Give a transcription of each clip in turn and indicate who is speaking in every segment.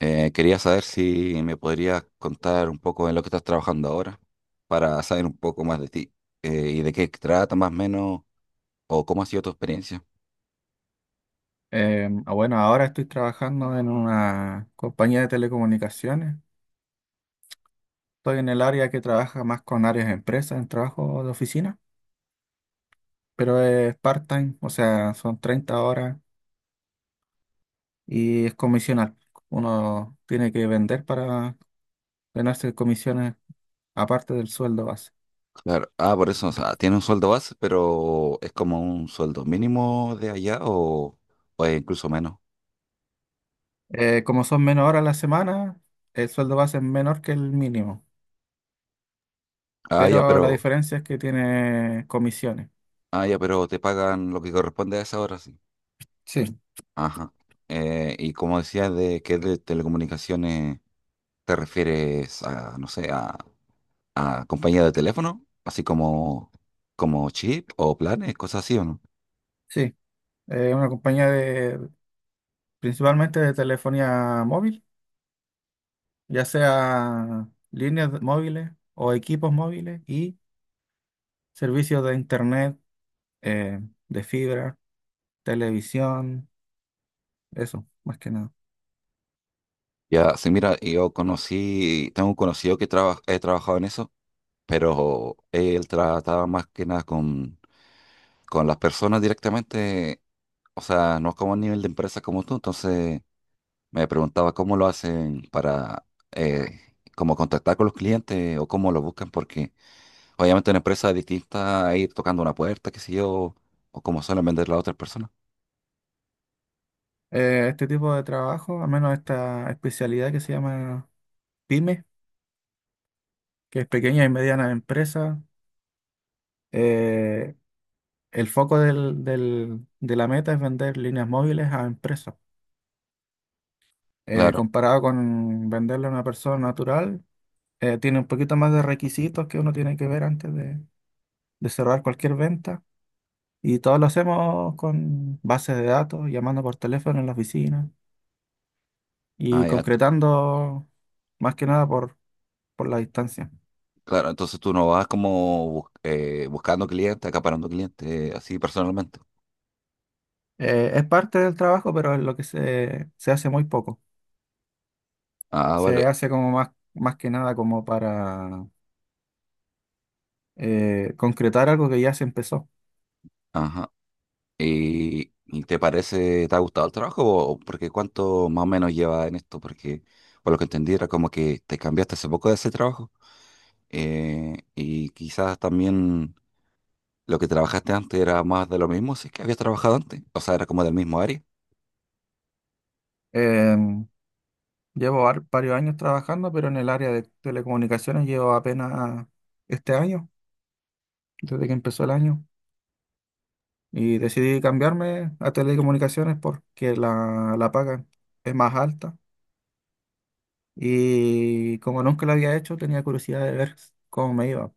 Speaker 1: Quería saber si me podrías contar un poco en lo que estás trabajando ahora para saber un poco más de ti y de qué trata más o menos o cómo ha sido tu experiencia.
Speaker 2: Bueno, ahora estoy trabajando en una compañía de telecomunicaciones. Estoy en el área que trabaja más con áreas de empresas, en trabajo de oficina, pero es part-time, o sea, son 30 horas y es comisional. Uno tiene que vender para ganarse comisiones aparte del sueldo base.
Speaker 1: Claro, ah, por eso, o sea, tiene un sueldo base, pero es como un sueldo mínimo de allá o es incluso menos.
Speaker 2: Como son menos horas a la semana, el sueldo base es menor que el mínimo,
Speaker 1: Ah, ya,
Speaker 2: pero la
Speaker 1: pero,
Speaker 2: diferencia es que tiene comisiones.
Speaker 1: ah, ya, pero te pagan lo que corresponde a esa hora, sí.
Speaker 2: Sí,
Speaker 1: Ajá. Y como decías de que de telecomunicaciones, ¿te refieres a, no sé, a compañía de teléfono, así como chip o planes, cosas así, ¿o no?
Speaker 2: sí, es una compañía de principalmente de telefonía móvil, ya sea móviles o equipos móviles y servicios de internet, eh, de fibra, televisión, eso, más que nada.
Speaker 1: Ya, sí, mira, yo conocí, tengo un conocido que he trabajado en eso, pero él trataba más que nada con las personas directamente, o sea, no como a nivel de empresa como tú, entonces me preguntaba cómo lo hacen para, eh, como contactar con los clientes o cómo lo buscan, porque obviamente una empresa es distinta a ir tocando una puerta, qué sé yo, o como suelen vender las otras personas.
Speaker 2: Este tipo de trabajo, al menos esta especialidad que se llama PYME, que es pequeña y mediana empresa, eh, el foco de la meta es vender líneas móviles a empresas.
Speaker 1: Claro,
Speaker 2: Comparado con venderle a una persona natural, tiene un poquito más de requisitos que uno tiene que ver de cerrar cualquier venta. Y todo lo hacemos con bases de datos, llamando por teléfono en la oficina
Speaker 1: ah,
Speaker 2: y
Speaker 1: ya.
Speaker 2: concretando más que nada por la distancia.
Speaker 1: Claro, entonces tú no vas como buscando clientes, acaparando clientes, así personalmente.
Speaker 2: Es parte del trabajo, pero es lo que se hace muy poco.
Speaker 1: Ah,
Speaker 2: Se
Speaker 1: vale.
Speaker 2: hace como más que nada como para concretar algo que ya se empezó.
Speaker 1: Ajá. ¿Y te parece, te ha gustado el trabajo? Porque cuánto más o menos lleva en esto, porque por lo que entendí era como que te cambiaste hace poco de ese trabajo. Y quizás también lo que trabajaste antes era más de lo mismo, si es que habías trabajado antes. O sea, era como del mismo área.
Speaker 2: Em, Llevo varios años trabajando, pero en el área de telecomunicaciones llevo apenas este año, desde que empezó el año, y decidí cambiarme a telecomunicaciones porque la paga es más alta y como nunca lo había hecho tenía curiosidad de ver cómo me iba.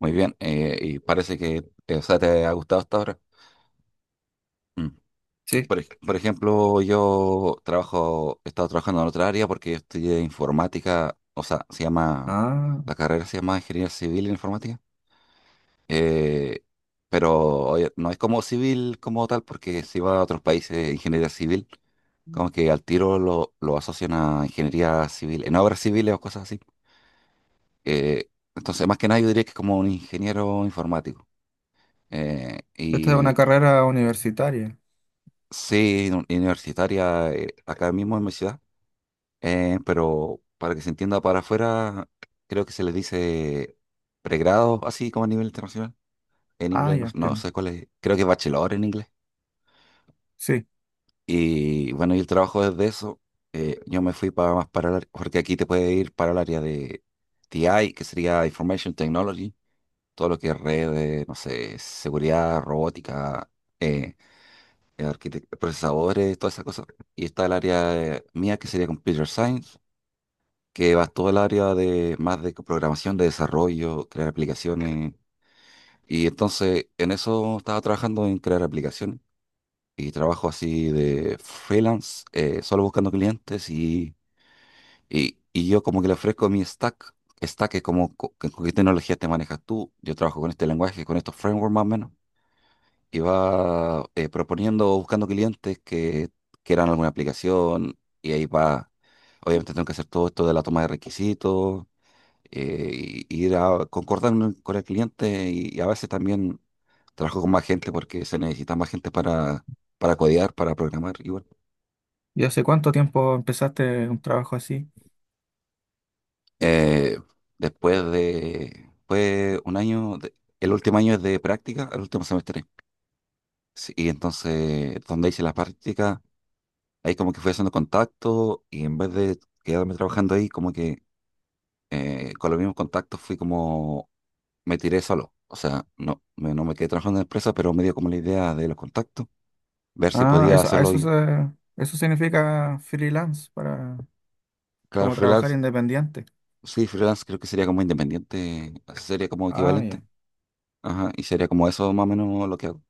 Speaker 1: Muy bien. Y parece que, o sea, te ha gustado hasta ahora. Mm. Y
Speaker 2: Sí.
Speaker 1: por ejemplo, yo trabajo, he estado trabajando en otra área porque yo estudié informática, o sea, se llama,
Speaker 2: Ah,
Speaker 1: la carrera se llama Ingeniería Civil en Informática, eh, pero oye, no es como civil como tal porque si va a otros países, ingeniería civil, como que al tiro lo asocian a ingeniería civil, en obras civiles o cosas así. Eh, entonces, más que nada, yo diría que es como un ingeniero informático. Eh,
Speaker 2: ¿esta es una
Speaker 1: y
Speaker 2: carrera universitaria?
Speaker 1: sí, universitaria, acá mismo en mi ciudad. Pero para que se entienda para afuera, creo que se les dice pregrado, así como a nivel internacional, en
Speaker 2: Ah,
Speaker 1: inglés, no,
Speaker 2: ya
Speaker 1: no
Speaker 2: entiendo.
Speaker 1: sé cuál es, creo que es bachelor en inglés.
Speaker 2: Sí.
Speaker 1: Y bueno, y el trabajo desde eso, yo me fui para más porque aquí te puede ir para el área de TI, que sería Information Technology, todo lo que es redes, no sé, seguridad, robótica, eh, procesadores, todas esas cosas. Y está el área mía, que sería Computer Science que va todo el área de más de programación, de desarrollo, crear aplicaciones. Y entonces en eso estaba trabajando en crear aplicaciones y trabajo así de freelance, solo buscando clientes y yo como que le ofrezco mi stack. Stack es como con qué tecnología te manejas tú. Yo trabajo con este lenguaje, con estos frameworks más o menos. Y va proponiendo, buscando clientes que quieran alguna aplicación y ahí va. Obviamente tengo que hacer todo esto de la toma de requisitos eh, ir a concordar con el cliente y a veces también trabajo con más gente porque se necesita más gente para codear, para programar igual.
Speaker 2: ¿Y hace cuánto tiempo empezaste un trabajo así?
Speaker 1: Eh, Después de fue un año, el último año es de práctica, el último semestre. Sí, y entonces donde hice las prácticas, ahí como que fui haciendo contacto y en vez de quedarme trabajando ahí, como que con los mismos contactos fui como me tiré solo. O sea, no me quedé trabajando en la empresa, pero me dio como la idea de los contactos. Ver si
Speaker 2: Ah,
Speaker 1: podía
Speaker 2: eso, a
Speaker 1: hacerlo
Speaker 2: eso
Speaker 1: yo.
Speaker 2: se, Eso significa freelance para
Speaker 1: Claro,
Speaker 2: como trabajar
Speaker 1: freelance,
Speaker 2: independiente.
Speaker 1: sí, freelance creo que sería como independiente, sería como
Speaker 2: Ah,
Speaker 1: equivalente.
Speaker 2: ya.
Speaker 1: Ajá, y sería como eso más o menos lo que hago.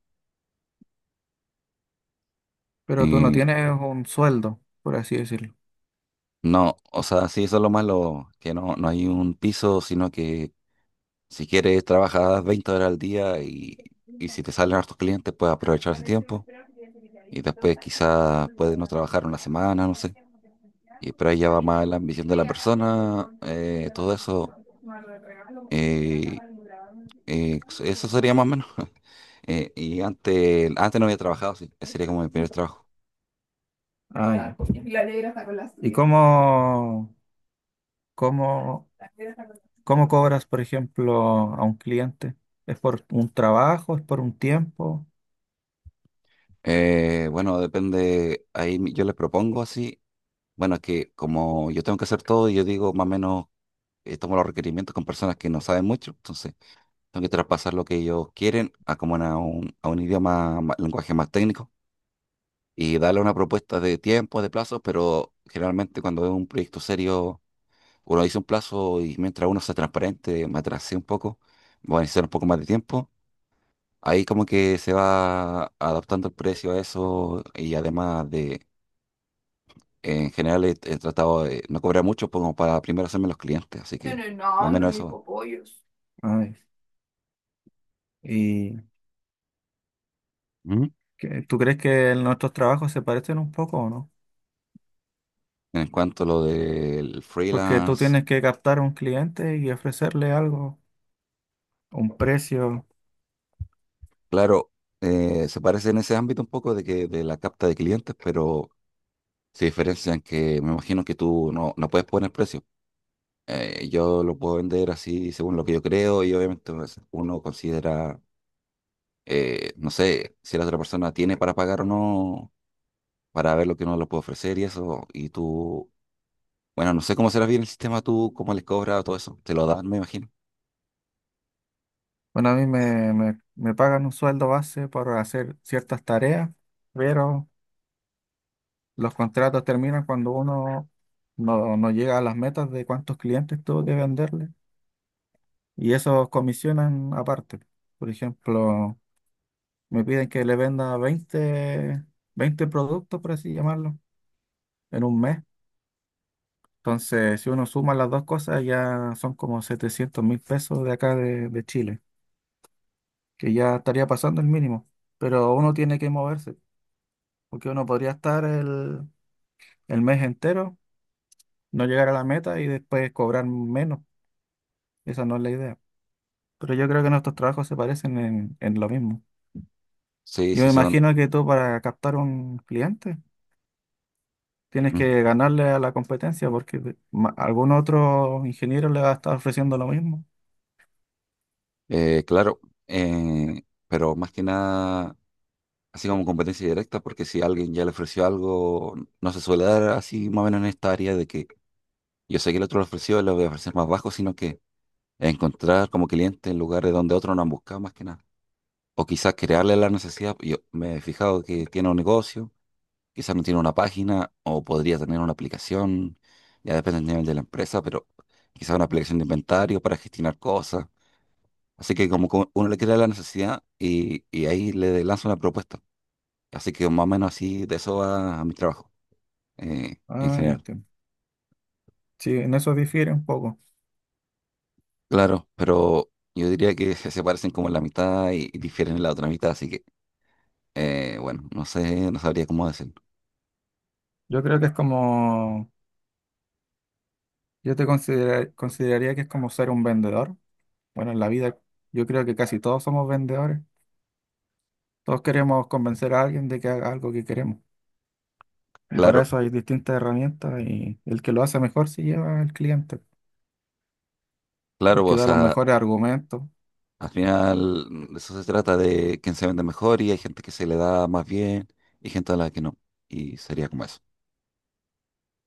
Speaker 2: Pero tú no
Speaker 1: Y
Speaker 2: tienes un sueldo, por así decirlo.
Speaker 1: no, o sea, sí, eso es lo malo, que no hay un piso, sino que si quieres trabajas 20 horas al día y si te salen hartos clientes puedes aprovechar ese tiempo y después quizás puedes no trabajar una semana, no sé. Y, pero ahí ya va más la ambición de la persona, todo eso. eh, pues, eso sería más o menos. Y antes, no había trabajado, sí. Ese sería como mi primer trabajo.
Speaker 2: Ah, ya. la ¿Y cómo, cómo cobras, por ejemplo, a un cliente? ¿Es por un trabajo? ¿Es por un tiempo?
Speaker 1: Bueno, depende, ahí yo les propongo así, bueno, es que como yo tengo que hacer todo, yo digo más o menos, tomo los requerimientos con personas que no saben mucho, entonces tengo que traspasar lo que ellos quieren a como a un idioma, lenguaje más técnico y darle una propuesta de tiempo, de plazos, pero generalmente cuando es un proyecto serio o lo hice un plazo y mientras uno sea transparente, me atrasé un poco, voy a necesitar un poco más de tiempo. Ahí como que se va adaptando el precio a eso y además de, en general he tratado de no cobrar mucho como para primero hacerme los clientes, así que más o menos eso. Va.
Speaker 2: Ay, ¿y
Speaker 1: Ujú.
Speaker 2: tú crees que nuestros trabajos se parecen un poco o no?
Speaker 1: En cuanto a lo del
Speaker 2: Porque tú
Speaker 1: freelance,
Speaker 2: tienes que captar a un cliente y ofrecerle algo, un precio.
Speaker 1: claro, se parece en ese ámbito un poco de que de la capta de clientes, pero se diferencian que me imagino que tú no puedes poner precio. Yo lo puedo vender así según lo que yo creo y obviamente pues, uno considera, no sé, si la otra persona tiene para pagar o no, para ver lo que uno le puede ofrecer y eso. Y tú, bueno, no sé cómo será bien el sistema, tú, cómo les cobras o todo eso. Te lo dan, me imagino.
Speaker 2: Bueno, a me pagan un sueldo base por hacer ciertas tareas, pero los contratos terminan cuando uno no llega a las metas de cuántos clientes tuvo que venderle y esos comisionan aparte. Por ejemplo, me piden que le venda 20 productos, por así llamarlo, en un mes. Entonces, si uno suma las dos cosas, ya son como 700.000 pesos de acá de Chile, que ya estaría pasando el mínimo. Pero uno tiene que moverse, porque uno podría estar el mes entero, no llegar a la meta y después cobrar menos. Esa no es la idea. Pero yo creo que nuestros trabajos se parecen en lo mismo.
Speaker 1: Sí,
Speaker 2: Yo me
Speaker 1: sí son.
Speaker 2: imagino que tú para captar un cliente tienes
Speaker 1: Mm.
Speaker 2: que ganarle a la competencia porque algún otro ingeniero le va a estar ofreciendo lo mismo.
Speaker 1: Claro, pero más que nada, así como competencia directa, porque si alguien ya le ofreció algo, no se suele dar así más o menos en esta área de que yo sé que el otro le ofreció, le voy a ofrecer más bajo, sino que encontrar como clientes en lugares donde otros no han buscado más que nada. O quizás crearle la necesidad. Yo me he fijado que tiene un negocio, quizás no tiene una página o podría tener una aplicación, ya depende del nivel de la empresa, pero quizás una aplicación de inventario para gestionar cosas. Así que como que uno le crea la necesidad y ahí le lanza una propuesta. Así que más o menos así de eso va a mi trabajo en
Speaker 2: Ah, ya
Speaker 1: general.
Speaker 2: entiendo. Sí, en eso difiere un poco.
Speaker 1: Claro, pero yo diría que se parecen como en la mitad y difieren en la otra mitad, así que bueno, no sé, no sabría cómo decirlo.
Speaker 2: Yo creo que es yo te consideraría que es como ser un vendedor. Bueno, en la vida yo creo que casi todos somos vendedores. Todos queremos convencer a alguien de que haga algo que queremos. Y para
Speaker 1: Claro,
Speaker 2: eso hay distintas herramientas y el que lo hace mejor se lleva al cliente, el
Speaker 1: claro, pues,
Speaker 2: que
Speaker 1: o
Speaker 2: da los
Speaker 1: sea,
Speaker 2: mejores argumentos.
Speaker 1: al final de eso se trata de quién se vende mejor y hay gente que se le da más bien y gente a la que no. Y sería como eso.